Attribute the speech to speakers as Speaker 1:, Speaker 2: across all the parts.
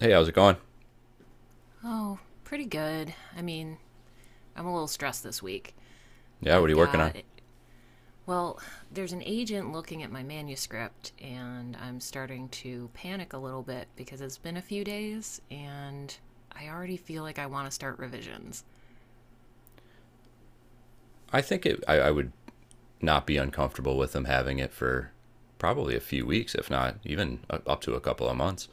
Speaker 1: Hey, how's it going?
Speaker 2: Oh, pretty good. I'm a little stressed this week.
Speaker 1: Yeah, what are
Speaker 2: I've
Speaker 1: you working on?
Speaker 2: got, well, there's an agent looking at my manuscript, and I'm starting to panic a little bit because it's been a few days, and I already feel like I want to start revisions.
Speaker 1: I think it, I would not be uncomfortable with them having it for probably a few weeks, if not even up to a couple of months.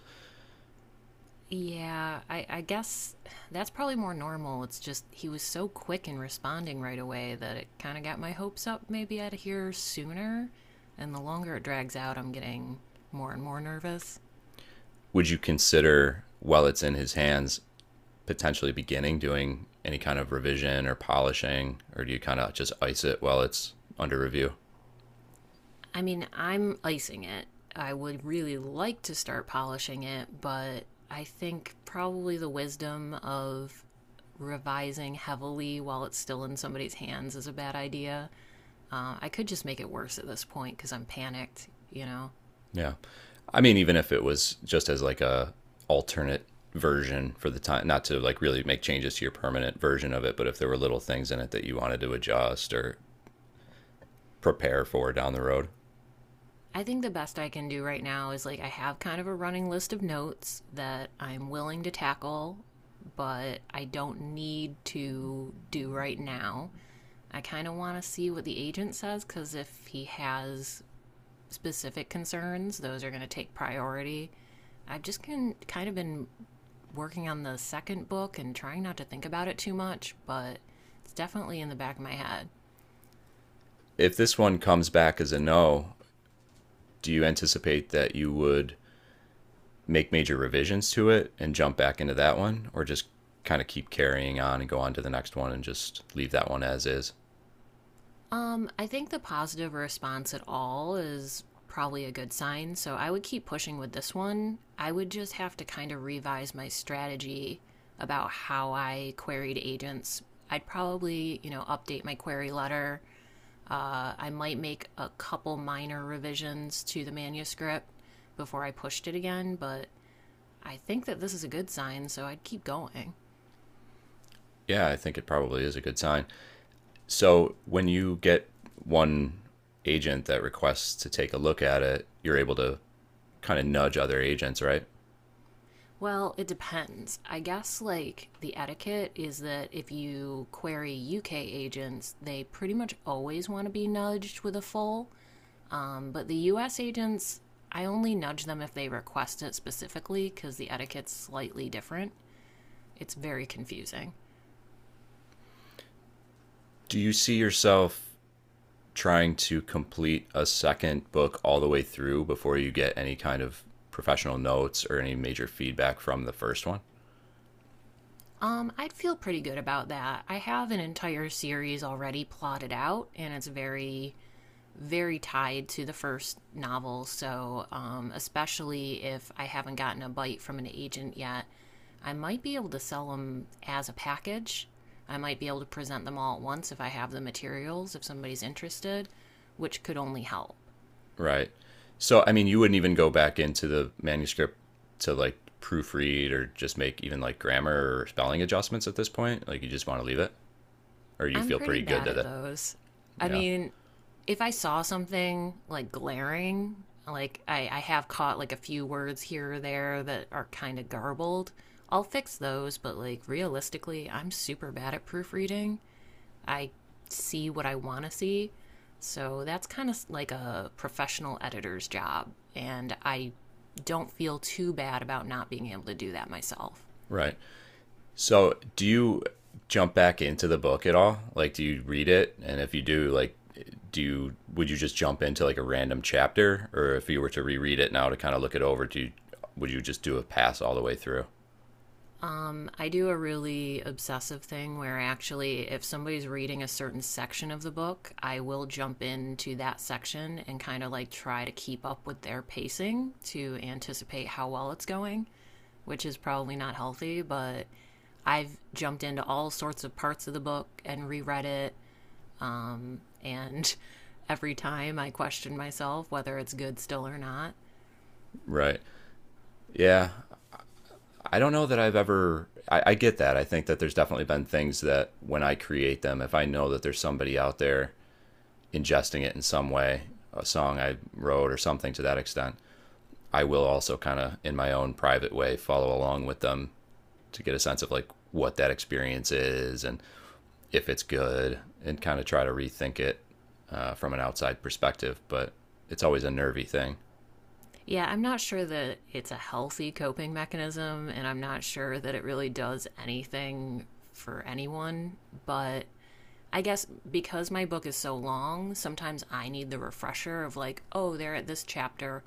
Speaker 2: Yeah, I guess that's probably more normal. It's just he was so quick in responding right away that it kind of got my hopes up. Maybe I'd hear sooner. And the longer it drags out, I'm getting more and more nervous.
Speaker 1: Would you consider, while it's in his hands, potentially beginning doing any kind of revision or polishing, or do you kind of just ice it while it's under review?
Speaker 2: I mean, I'm icing it. I would really like to start polishing it, but I think probably the wisdom of revising heavily while it's still in somebody's hands is a bad idea. I could just make it worse at this point because I'm panicked.
Speaker 1: Yeah, I mean, even if it was just as like a alternate version for the time, not to like really make changes to your permanent version of it, but if there were little things in it that you wanted to adjust or prepare for down the road.
Speaker 2: I think the best I can do right now is like I have kind of a running list of notes that I'm willing to tackle, but I don't need to do right now. I kind of want to see what the agent says because if he has specific concerns, those are going to take priority. I've just been kind of been working on the second book and trying not to think about it too much, but it's definitely in the back of my head.
Speaker 1: If this one comes back as a no, do you anticipate that you would make major revisions to it and jump back into that one, or just kind of keep carrying on and go on to the next one and just leave that one as is?
Speaker 2: I think the positive response at all is probably a good sign, so I would keep pushing with this one. I would just have to kind of revise my strategy about how I queried agents. I'd probably, update my query letter. I might make a couple minor revisions to the manuscript before I pushed it again, but I think that this is a good sign, so I'd keep going.
Speaker 1: Yeah, I think it probably is a good sign. So when you get one agent that requests to take a look at it, you're able to kind of nudge other agents, right?
Speaker 2: Well, it depends. I guess, like, the etiquette is that if you query UK agents, they pretty much always want to be nudged with a full. But the US agents, I only nudge them if they request it specifically because the etiquette's slightly different. It's very confusing.
Speaker 1: Do you see yourself trying to complete a second book all the way through before you get any kind of professional notes or any major feedback from the first one?
Speaker 2: I'd feel pretty good about that. I have an entire series already plotted out, and it's very, very tied to the first novel. So, especially if I haven't gotten a bite from an agent yet, I might be able to sell them as a package. I might be able to present them all at once if I have the materials, if somebody's interested, which could only help.
Speaker 1: Right. So, I mean, you wouldn't even go back into the manuscript to like proofread or just make even like grammar or spelling adjustments at this point. Like, you just want to leave it, or you
Speaker 2: I'm
Speaker 1: feel
Speaker 2: pretty
Speaker 1: pretty good
Speaker 2: bad
Speaker 1: that
Speaker 2: at
Speaker 1: it.
Speaker 2: those. I
Speaker 1: Yeah.
Speaker 2: mean, if I saw something like glaring, like I have caught like a few words here or there that are kind of garbled, I'll fix those. But like realistically, I'm super bad at proofreading. I see what I want to see. So that's kind of like a professional editor's job. And I don't feel too bad about not being able to do that myself.
Speaker 1: Right. So, do you jump back into the book at all? Like, do you read it? And if you do, like, do you would you just jump into like a random chapter, or if you were to reread it now to kind of look it over, do you would you just do a pass all the way through?
Speaker 2: I do a really obsessive thing where actually, if somebody's reading a certain section of the book, I will jump into that section and kind of like try to keep up with their pacing to anticipate how well it's going, which is probably not healthy, but I've jumped into all sorts of parts of the book and reread it. And every time I question myself whether it's good still or not.
Speaker 1: Right. Yeah. I don't know that I've ever. I get that. I think that there's definitely been things that when I create them, if I know that there's somebody out there ingesting it in some way, a song I wrote or something to that extent, I will also kind of in my own private way follow along with them to get a sense of like what that experience is and if it's good and kind of try to rethink it from an outside perspective. But it's always a nervy thing,
Speaker 2: Yeah, I'm not sure that it's a healthy coping mechanism, and I'm not sure that it really does anything for anyone. But I guess because my book is so long, sometimes I need the refresher of, like, oh, they're at this chapter.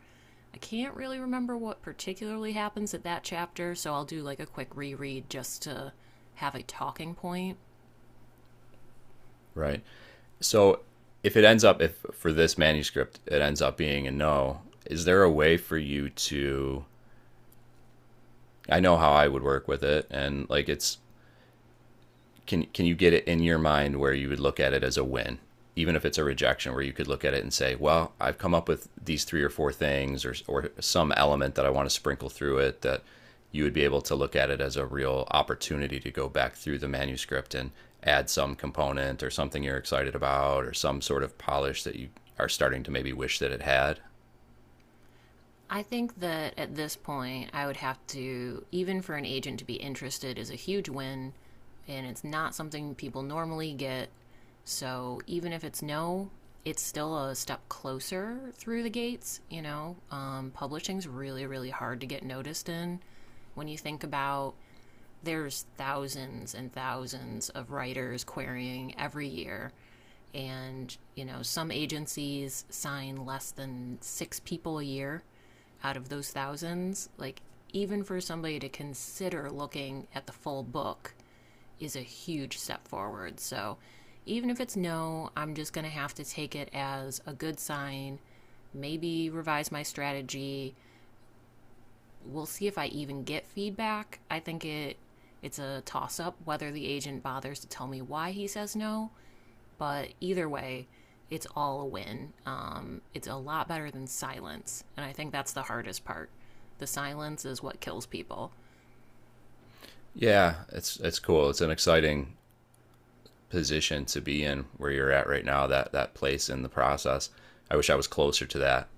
Speaker 2: I can't really remember what particularly happens at that chapter, so I'll do like a quick reread just to have a talking point.
Speaker 1: right? So if it ends up, if for this manuscript, it ends up being a no, is there a way for you to? I know how I would work with it, and like it's can you get it in your mind where you would look at it as a win even if it's a rejection, where you could look at it and say, well, I've come up with these three or four things, or some element that I want to sprinkle through it, that you would be able to look at it as a real opportunity to go back through the manuscript and add some component or something you're excited about or some sort of polish that you are starting to maybe wish that it had.
Speaker 2: I think that at this point, I would have to, even for an agent to be interested, is a huge win, and it's not something people normally get. So even if it's no, it's still a step closer through the gates. Publishing's really, really hard to get noticed in. When you think about there's thousands and thousands of writers querying every year. And, some agencies sign less than six people a year out of those thousands. Like, even for somebody to consider looking at the full book is a huge step forward. So, even if it's no, I'm just going to have to take it as a good sign, maybe revise my strategy, we'll see if I even get feedback. I think it's a toss up whether the agent bothers to tell me why he says no, but either way, it's all a win. It's a lot better than silence, and I think that's the hardest part. The silence is what kills people.
Speaker 1: Yeah, it's cool, it's an exciting position to be in where you're at right now, that that place in the process. I wish I was closer to that.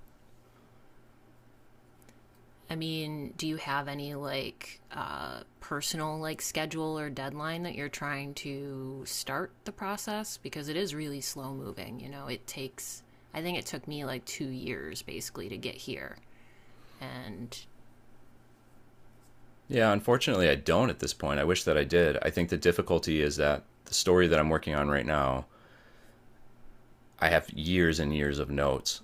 Speaker 2: I mean, do you have any like personal like schedule or deadline that you're trying to start the process? Because it is really slow moving. You know, it takes. I think it took me like two years basically to get here. And
Speaker 1: Yeah, unfortunately, I don't at this point. I wish that I did. I think the difficulty is that the story that I'm working on right now, I have years and years of notes.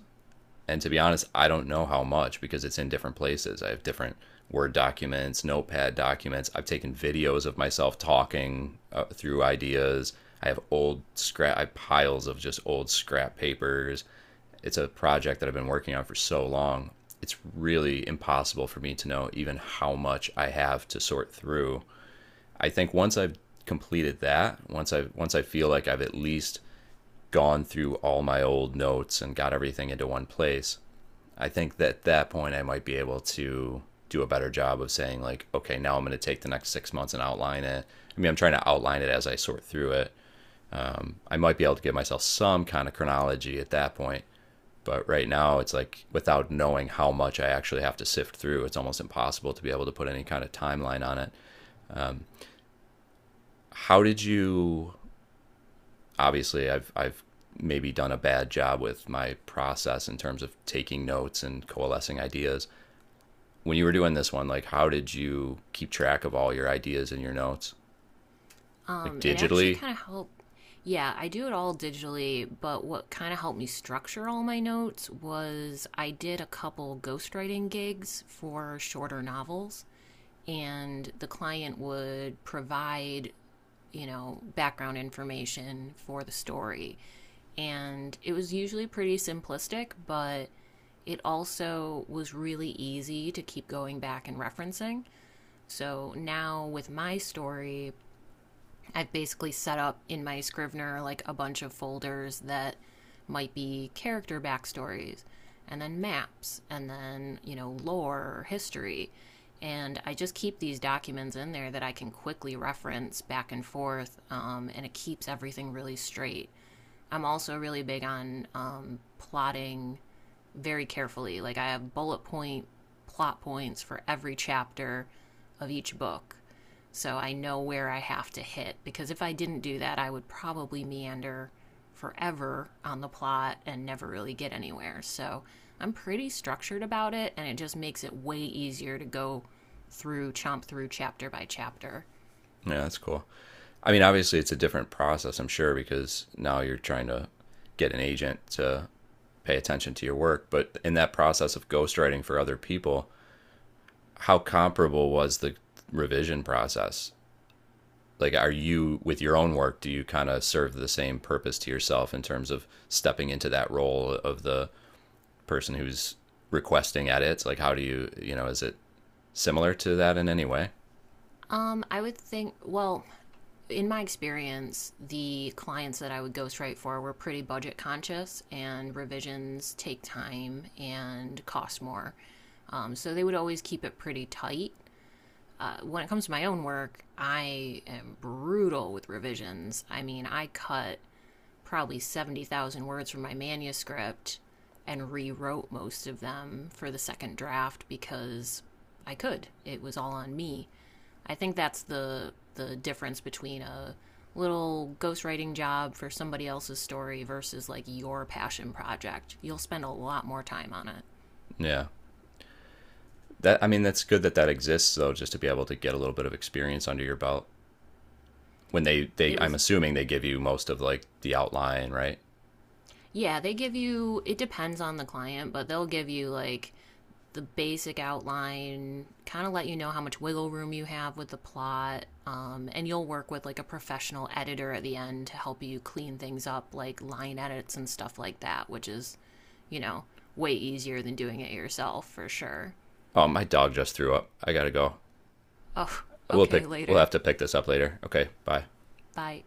Speaker 1: And to be honest, I don't know how much because it's in different places. I have different Word documents, Notepad documents. I've taken videos of myself talking through ideas. I have old scrap, I have piles of just old scrap papers. It's a project that I've been working on for so long. It's really impossible for me to know even how much I have to sort through. I think once I've completed that, once I feel like I've at least gone through all my old notes and got everything into one place, I think that at that point I might be able to do a better job of saying, like, okay, now I'm going to take the next 6 months and outline it. I mean, I'm trying to outline it as I sort through it. I might be able to give myself some kind of chronology at that point. But right now, it's like without knowing how much I actually have to sift through, it's almost impossible to be able to put any kind of timeline on it. How did you, obviously I've maybe done a bad job with my process in terms of taking notes and coalescing ideas. When you were doing this one, like, how did you keep track of all your ideas and your notes? Like
Speaker 2: It actually
Speaker 1: digitally?
Speaker 2: kind of helped. Yeah, I do it all digitally, but what kind of helped me structure all my notes was I did a couple ghostwriting gigs for shorter novels, and the client would provide, background information for the story. And it was usually pretty simplistic, but it also was really easy to keep going back and referencing. So now with my story, I've basically set up in my Scrivener like a bunch of folders that might be character backstories and then maps and then, lore or history. And I just keep these documents in there that I can quickly reference back and forth, and it keeps everything really straight. I'm also really big on plotting very carefully. Like I have bullet point plot points for every chapter of each book. So I know where I have to hit because if I didn't do that, I would probably meander forever on the plot and never really get anywhere. So I'm pretty structured about it and it just makes it way easier to go through chapter by chapter.
Speaker 1: Yeah, that's cool. I mean, obviously it's a different process, I'm sure, because now you're trying to get an agent to pay attention to your work, but in that process of ghostwriting for other people, how comparable was the revision process? Like, are you with your own work, do you kind of serve the same purpose to yourself in terms of stepping into that role of the person who's requesting edits? Like, how do you, you know, is it similar to that in any way?
Speaker 2: I would think, well, in my experience, the clients that I would ghostwrite for were pretty budget conscious, and revisions take time and cost more. So they would always keep it pretty tight. When it comes to my own work, I am brutal with revisions. I mean, I cut probably 70,000 words from my manuscript and rewrote most of them for the second draft because I could. It was all on me. I think that's the difference between a little ghostwriting job for somebody else's story versus like your passion project. You'll spend a lot more time on it.
Speaker 1: Yeah, that, I mean, that's good that that exists, though, just to be able to get a little bit of experience under your belt. When they,
Speaker 2: It
Speaker 1: I'm
Speaker 2: was.
Speaker 1: assuming they give you most of like the outline, right?
Speaker 2: Yeah, they give you, it depends on the client, but they'll give you like the basic outline, kind of let you know how much wiggle room you have with the plot, and you'll work with like a professional editor at the end to help you clean things up, like line edits and stuff like that, which is, you know, way easier than doing it yourself for sure.
Speaker 1: Oh, my dog just threw up, I gotta go.
Speaker 2: Oh,
Speaker 1: we'll
Speaker 2: okay,
Speaker 1: pick we'll have
Speaker 2: later.
Speaker 1: to pick this up later. Okay, bye.
Speaker 2: Bye.